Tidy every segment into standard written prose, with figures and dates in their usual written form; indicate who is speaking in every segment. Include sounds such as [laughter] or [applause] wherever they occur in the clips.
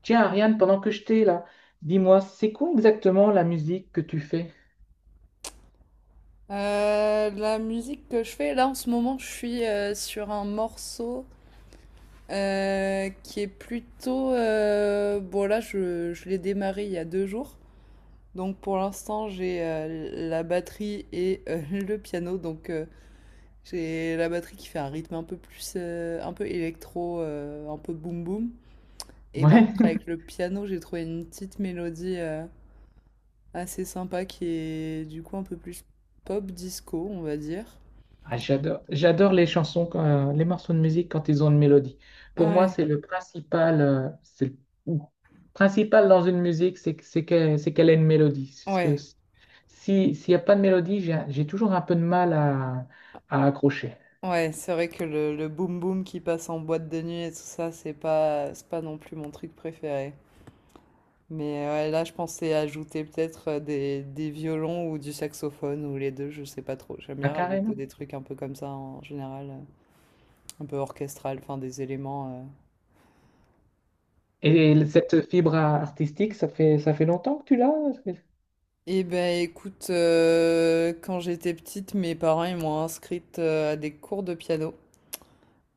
Speaker 1: Tiens, Ariane, pendant que je t'ai là, dis-moi, c'est quoi exactement la musique que tu fais?
Speaker 2: La musique que je fais, là en ce moment, je suis sur un morceau qui est plutôt. Bon là, je l'ai démarré il y a deux jours. Donc pour l'instant, j'ai la batterie et [laughs] le piano. Donc j'ai la batterie qui fait un rythme un peu plus, un peu électro, un peu boom boom. Et par
Speaker 1: Ouais,
Speaker 2: contre, avec
Speaker 1: [laughs]
Speaker 2: le piano, j'ai trouvé une petite mélodie assez sympa qui est du coup un peu plus pop disco, on va dire.
Speaker 1: Ah, j'adore, j'adore les chansons, les morceaux de musique quand ils ont une mélodie. Pour moi,
Speaker 2: Ouais,
Speaker 1: c'est le principal, ou, principal dans une musique, c'est qu'elle ait une mélodie. Parce que
Speaker 2: ouais.
Speaker 1: s'il n'y a pas de mélodie, j'ai toujours un peu de mal à accrocher.
Speaker 2: Ouais, c'est vrai que le boom boom qui passe en boîte de nuit et tout ça, c'est pas non plus mon truc préféré. Mais ouais, là, je pensais ajouter peut-être euh, des violons ou du saxophone ou les deux, je sais pas trop. J'aime
Speaker 1: Ah,
Speaker 2: bien rajouter
Speaker 1: carrément.
Speaker 2: des trucs un peu comme ça en général, un peu orchestral, enfin des éléments. euh.
Speaker 1: Et cette fibre artistique, ça fait longtemps que tu l'as?
Speaker 2: Eh ben écoute, quand j'étais petite, mes parents ils m'ont inscrite à des cours de piano.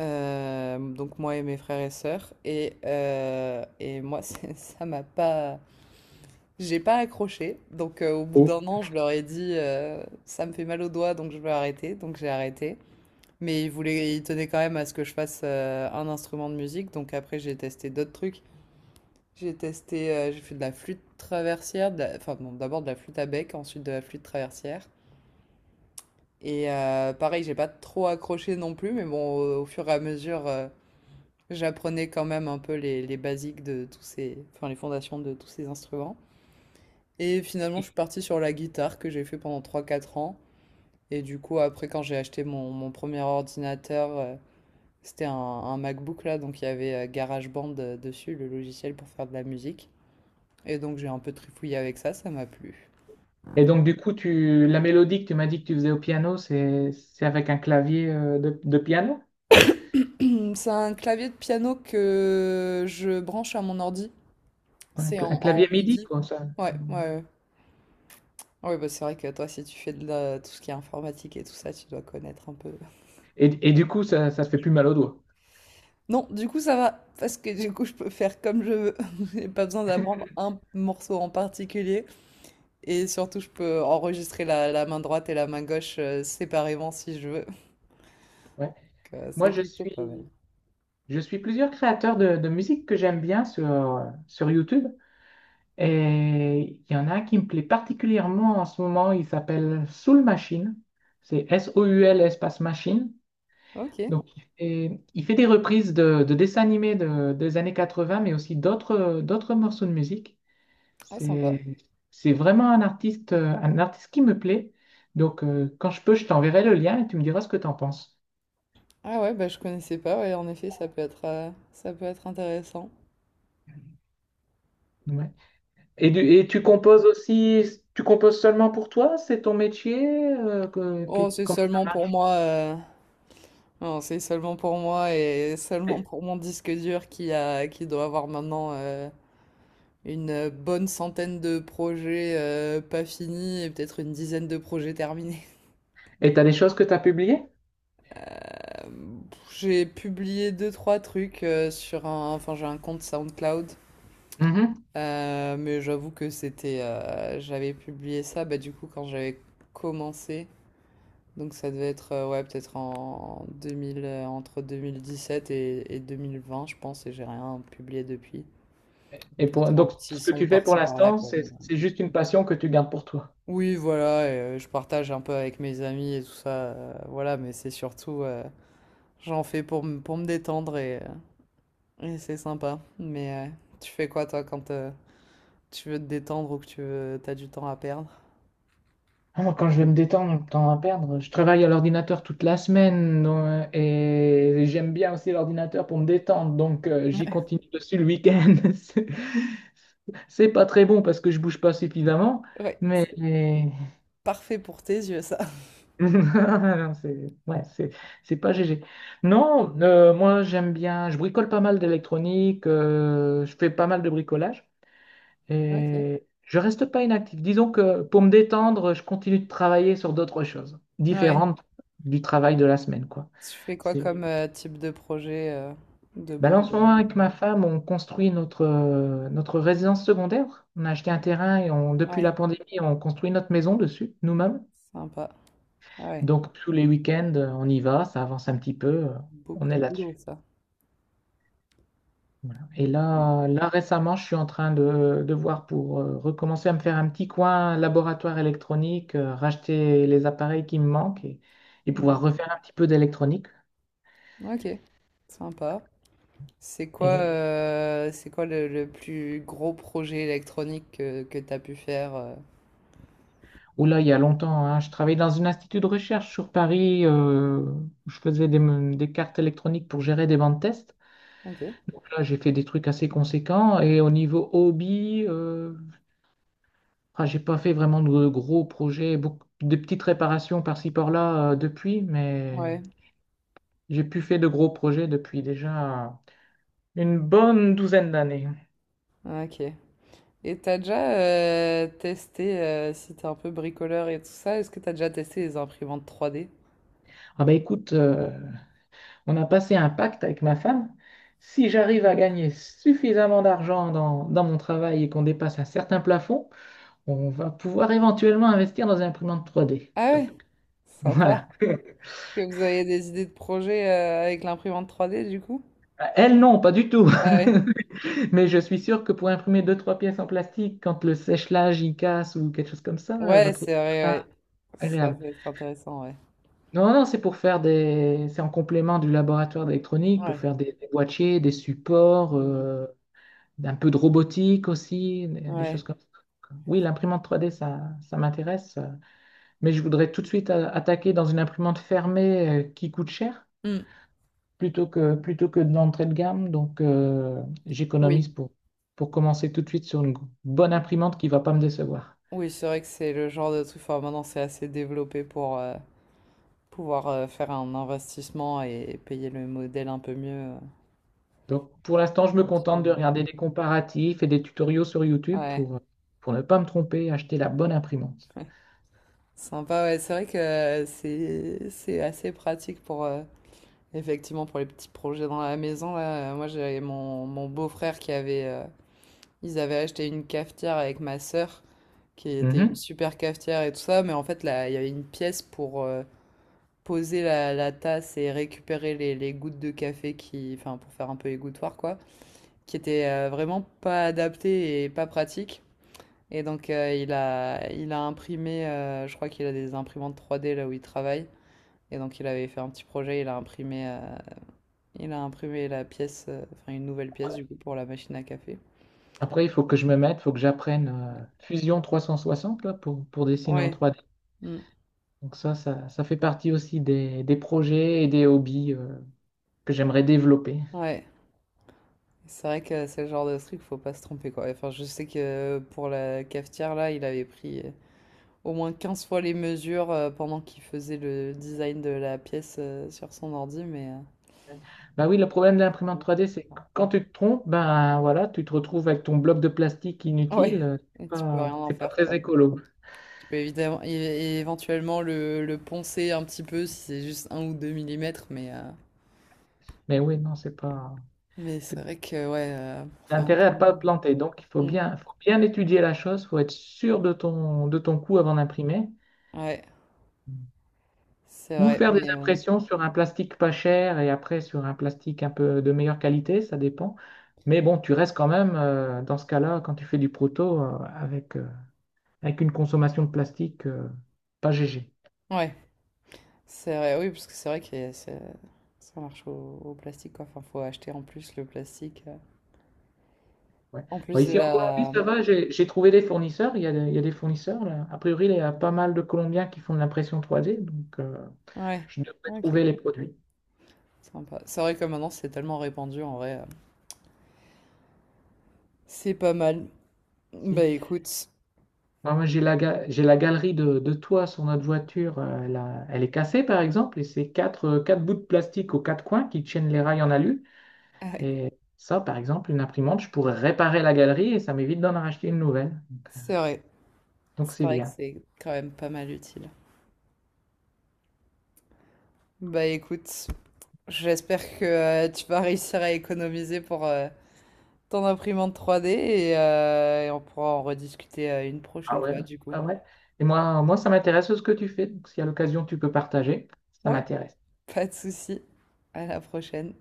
Speaker 2: Donc moi et mes frères et sœurs. Et moi, [laughs] ça m'a pas. J'ai pas accroché, donc au bout
Speaker 1: Oh.
Speaker 2: d'un an, je leur ai dit ça me fait mal au doigt, donc je vais arrêter, donc j'ai arrêté. Mais ils tenaient quand même à ce que je fasse un instrument de musique, donc après j'ai testé d'autres trucs. J'ai testé, j'ai fait de la flûte traversière, enfin bon, d'abord de la flûte à bec, ensuite de la flûte traversière. Et pareil, j'ai pas trop accroché non plus, mais bon, au fur et à mesure, j'apprenais quand même un peu les basiques de tous ces, enfin les fondations de tous ces instruments. Et finalement, je suis partie sur la guitare que j'ai fait pendant trois quatre ans. Et du coup, après, quand j'ai acheté mon premier ordinateur, c'était un MacBook là, donc il y avait GarageBand dessus, le logiciel pour faire de la musique. Et donc j'ai un peu trifouillé avec ça, ça m'a plu.
Speaker 1: Et donc, du coup, la mélodie que tu m'as dit que tu faisais au piano, c'est avec un clavier de piano?
Speaker 2: Hum. C'est un clavier de piano que je branche à mon ordi.
Speaker 1: Un,
Speaker 2: C'est
Speaker 1: cla-
Speaker 2: en,
Speaker 1: un
Speaker 2: en
Speaker 1: clavier MIDI,
Speaker 2: MIDI.
Speaker 1: quoi, ça.
Speaker 2: Ouais, ouais, ouais. Ouais, bah c'est vrai que toi, si tu fais tout ce qui est informatique et tout ça, tu dois connaître un peu.
Speaker 1: Et du coup, ça se fait plus mal aux doigts.
Speaker 2: Non, du coup, ça va, parce que du coup, je peux faire comme je veux. [laughs] J'ai pas besoin d'apprendre un morceau en particulier. Et surtout, je peux enregistrer la main droite et la main gauche séparément si je veux. Donc,
Speaker 1: Ouais.
Speaker 2: c'est
Speaker 1: Moi, je
Speaker 2: plutôt pas mal.
Speaker 1: suis, je suis plusieurs créateurs de musique que j'aime bien sur YouTube. Et il y en a un qui me plaît particulièrement en ce moment. Il s'appelle Soul Machine. C'est Soul espace machine.
Speaker 2: Ok,
Speaker 1: Donc, il fait des reprises de dessins animés des années 80, mais aussi d'autres morceaux de musique.
Speaker 2: ah, sympa.
Speaker 1: C'est, c'est vraiment un artiste qui me plaît. Donc, quand je peux, je t'enverrai le lien et tu me diras ce que tu en penses.
Speaker 2: Ah ouais, bah, je connaissais pas. Ouais, en effet, ça peut être intéressant.
Speaker 1: Ouais. Et tu composes aussi, tu composes seulement pour toi? C'est ton métier?
Speaker 2: Oh, c'est
Speaker 1: Comment ça
Speaker 2: seulement pour
Speaker 1: marche?
Speaker 2: moi. Non, c'est seulement pour moi et seulement pour mon disque dur qui doit avoir maintenant euh, une bonne centaine de projets, pas finis et peut-être une dizaine de projets terminés.
Speaker 1: Et tu as des choses que tu as publiées?
Speaker 2: [laughs] Hem, j'ai publié deux trois trucs, sur un, enfin j'ai un compte SoundCloud,
Speaker 1: Mhm.
Speaker 2: mais j'avoue que c'était, j'avais publié ça, bah, du coup, quand j'avais commencé, donc ça devait être, ouais, peut-être en 2000, entre 2017 et 2020, je pense et j'ai rien publié depuis.
Speaker 1: Et pour,
Speaker 2: Peut-être un
Speaker 1: donc,
Speaker 2: petit
Speaker 1: ce que
Speaker 2: son
Speaker 1: tu fais pour
Speaker 2: par-ci par-là,
Speaker 1: l'instant,
Speaker 2: quoi,
Speaker 1: c'est
Speaker 2: mais euh.
Speaker 1: c'est juste une passion que tu gardes pour toi.
Speaker 2: Oui, voilà, et, je partage un peu avec mes amis et tout ça, voilà, mais c'est surtout, j'en fais pour, pour me détendre et c'est sympa. Mais tu fais quoi, toi, quand tu veux te détendre ou que tu veux, t'as du temps à perdre?
Speaker 1: Ah, moi, quand je vais me détendre, temps à perdre, je travaille à l'ordinateur toute la semaine donc, et j'aime bien aussi l'ordinateur pour me détendre, donc j'y
Speaker 2: Ouais.
Speaker 1: continue dessus le week-end. [laughs] C'est c'est pas très bon parce que je bouge pas suffisamment,
Speaker 2: Ouais,
Speaker 1: mais
Speaker 2: c'est
Speaker 1: [laughs]
Speaker 2: parfait pour tes yeux, ça. [laughs]
Speaker 1: non, c'est ouais, c'est pas GG. Non, moi j'aime bien, je bricole pas mal d'électronique, je fais pas mal de bricolage.
Speaker 2: Ok.
Speaker 1: Et je reste pas inactif. Disons que pour me détendre, je continue de travailler sur d'autres choses
Speaker 2: Ouais.
Speaker 1: différentes du travail de la semaine, quoi.
Speaker 2: Tu fais quoi
Speaker 1: C'est...
Speaker 2: comme type de projet de
Speaker 1: Ben là, en ce moment,
Speaker 2: bricolage?
Speaker 1: avec ma femme, on construit notre résidence secondaire. On a acheté un terrain et on, depuis
Speaker 2: Ouais,
Speaker 1: la pandémie, on construit notre maison dessus, nous-mêmes.
Speaker 2: sympa. Ah ouais,
Speaker 1: Donc, tous les week-ends, on y va, ça avance un petit peu, on
Speaker 2: beaucoup
Speaker 1: est
Speaker 2: de boulot,
Speaker 1: là-dessus.
Speaker 2: ça.
Speaker 1: Voilà. Et
Speaker 2: Ouais.
Speaker 1: récemment, je suis en train de voir pour recommencer à me faire un petit coin laboratoire électronique, racheter les appareils qui me manquent et
Speaker 2: Hmm.
Speaker 1: pouvoir refaire un petit peu d'électronique.
Speaker 2: Ok, sympa.
Speaker 1: Et
Speaker 2: C'est quoi le plus gros projet électronique que tu as pu faire euh.
Speaker 1: où là, il y a longtemps, hein, je travaillais dans un institut de recherche sur Paris, où je faisais des cartes électroniques pour gérer des bancs de tests.
Speaker 2: Ok.
Speaker 1: Donc là, j'ai fait des trucs assez conséquents. Et au niveau hobby, j'ai pas fait vraiment de gros projets, beaucoup, de petites réparations par-ci par-là, depuis, mais.
Speaker 2: Ouais,
Speaker 1: J'ai pu faire de gros projets depuis déjà une bonne douzaine d'années.
Speaker 2: ok. Et t'as déjà testé, si t'es un peu bricoleur et tout ça, est-ce que t'as déjà testé les imprimantes 3D?
Speaker 1: Ah ben écoute, on a passé un pacte avec ma femme. Si j'arrive à gagner suffisamment d'argent dans mon travail et qu'on dépasse un certain plafond, on va pouvoir éventuellement investir dans une imprimante 3D.
Speaker 2: Ah
Speaker 1: Donc,
Speaker 2: ouais, sympa.
Speaker 1: voilà. [laughs]
Speaker 2: Est-ce que vous avez des idées de projets avec l'imprimante 3D du coup?
Speaker 1: Elle, non, pas du tout.
Speaker 2: Ah ouais.
Speaker 1: [laughs] Mais je suis sûr que pour imprimer deux, trois pièces en plastique, quand le sèche-linge y casse ou quelque chose comme ça, elle va
Speaker 2: Ouais, c'est
Speaker 1: trouver
Speaker 2: vrai,
Speaker 1: ça
Speaker 2: ouais. Ça
Speaker 1: agréable.
Speaker 2: peut être intéressant, ouais.
Speaker 1: Non, non, c'est pour faire des. C'est en complément du laboratoire d'électronique, pour
Speaker 2: Ouais.
Speaker 1: faire des boîtiers, des supports,
Speaker 2: Mhm.
Speaker 1: un peu de robotique aussi, des choses
Speaker 2: Ouais.
Speaker 1: comme ça. Oui, l'imprimante 3D, ça m'intéresse. Mais je voudrais tout de suite attaquer dans une imprimante fermée qui coûte cher,
Speaker 2: Mm.
Speaker 1: plutôt que de l'entrée de gamme. Donc,
Speaker 2: Oui.
Speaker 1: j'économise pour commencer tout de suite sur une bonne imprimante qui ne va pas me décevoir.
Speaker 2: Oui, c'est vrai que c'est le genre de truc. Enfin, maintenant, c'est assez développé pour, pouvoir faire un investissement et payer le modèle un peu mieux.
Speaker 1: Donc, pour l'instant, je me contente de regarder des comparatifs et des tutoriaux sur YouTube
Speaker 2: Ouais,
Speaker 1: pour ne pas me tromper et acheter la bonne imprimante.
Speaker 2: ouais. [laughs] Sympa, ouais. C'est vrai que euh, c'est assez pratique pour effectivement pour les petits projets dans la maison là. Moi j'avais mon beau-frère qui avait ils avaient acheté une cafetière avec ma sœur qui était une
Speaker 1: Mhm.
Speaker 2: super cafetière et tout ça, mais en fait là il y avait une pièce pour poser la tasse et récupérer les gouttes de café qui enfin pour faire un peu égouttoir quoi. Qui était vraiment pas adapté et pas pratique. Et donc il a imprimé, je crois qu'il a des imprimantes trois d là où il travaille. Et donc il avait fait un petit projet, il a imprimé la pièce, enfin une nouvelle pièce du coup pour la machine à café.
Speaker 1: Après, il faut que j'apprenne Fusion 360 là, pour dessiner en
Speaker 2: Ouais,
Speaker 1: 3D.
Speaker 2: mm,
Speaker 1: Donc ça fait partie aussi des projets et des hobbies que j'aimerais développer.
Speaker 2: ouais. C'est vrai que c'est le genre de truc, faut pas se tromper quoi. Enfin, je sais que pour la cafetière là, il avait pris au moins 15 fois les mesures pendant qu'il faisait le design de la pièce sur son ordi, mais
Speaker 1: Bah oui, le problème de l'imprimante
Speaker 2: ouais.
Speaker 1: 3D, c'est que quand tu te trompes, ben voilà, tu te retrouves avec ton bloc de plastique
Speaker 2: Ouais,
Speaker 1: inutile. C'est
Speaker 2: et tu peux rien
Speaker 1: pas,
Speaker 2: en
Speaker 1: c'est pas
Speaker 2: faire,
Speaker 1: très
Speaker 2: quoi.
Speaker 1: écolo.
Speaker 2: Tu peux évidemment, éventuellement le poncer un petit peu si c'est juste un ou deux millimètres,
Speaker 1: Mais oui, non,
Speaker 2: mais c'est
Speaker 1: c'est
Speaker 2: vrai que, ouais, pour faire un
Speaker 1: l'intérêt à
Speaker 2: truc.
Speaker 1: pas planter. Donc, il
Speaker 2: Mm,
Speaker 1: faut bien étudier la chose, faut être sûr de ton coût avant d'imprimer.
Speaker 2: ouais, c'est
Speaker 1: Ou
Speaker 2: vrai,
Speaker 1: faire des
Speaker 2: mais.
Speaker 1: impressions sur un plastique pas cher et après sur un plastique un peu de meilleure qualité, ça dépend. Mais bon, tu restes quand même, dans ce cas-là, quand tu fais du proto, avec une consommation de plastique, pas GG.
Speaker 2: Ouais, c'est vrai, oui, parce que c'est vrai que ça marche au plastique, quoi. Enfin, faut acheter en plus le plastique.
Speaker 1: Ouais.
Speaker 2: En
Speaker 1: Bon,
Speaker 2: plus de
Speaker 1: ici en Colombie,
Speaker 2: la.
Speaker 1: ça va, j'ai trouvé des fournisseurs, il y a des fournisseurs là. A priori, il y a pas mal de Colombiens qui font de l'impression 3D, donc
Speaker 2: Ouais,
Speaker 1: je devrais
Speaker 2: ok,
Speaker 1: trouver les produits.
Speaker 2: sympa. C'est vrai que maintenant c'est tellement répandu, en vrai. C'est pas mal. Bah
Speaker 1: Si.
Speaker 2: écoute,
Speaker 1: Non, moi, j'ai la galerie de toit sur notre voiture. Elle est cassée, par exemple, et c'est quatre bouts de plastique aux quatre coins qui tiennent les rails en alu.
Speaker 2: [laughs] ouais,
Speaker 1: Et ça, par exemple, une imprimante, je pourrais réparer la galerie et ça m'évite d'en racheter une nouvelle.
Speaker 2: c'est vrai.
Speaker 1: Donc,
Speaker 2: C'est
Speaker 1: c'est
Speaker 2: vrai que
Speaker 1: bien.
Speaker 2: c'est quand même pas mal utile. Bah écoute, j'espère que tu vas réussir à économiser pour ton imprimante 3D et on pourra en rediscuter une
Speaker 1: Ah
Speaker 2: prochaine
Speaker 1: ouais,
Speaker 2: fois du coup.
Speaker 1: ah ouais. Et moi, ça m'intéresse ce que tu fais. Donc, si à l'occasion, tu peux partager, ça
Speaker 2: Ouais,
Speaker 1: m'intéresse.
Speaker 2: pas de souci. À la prochaine.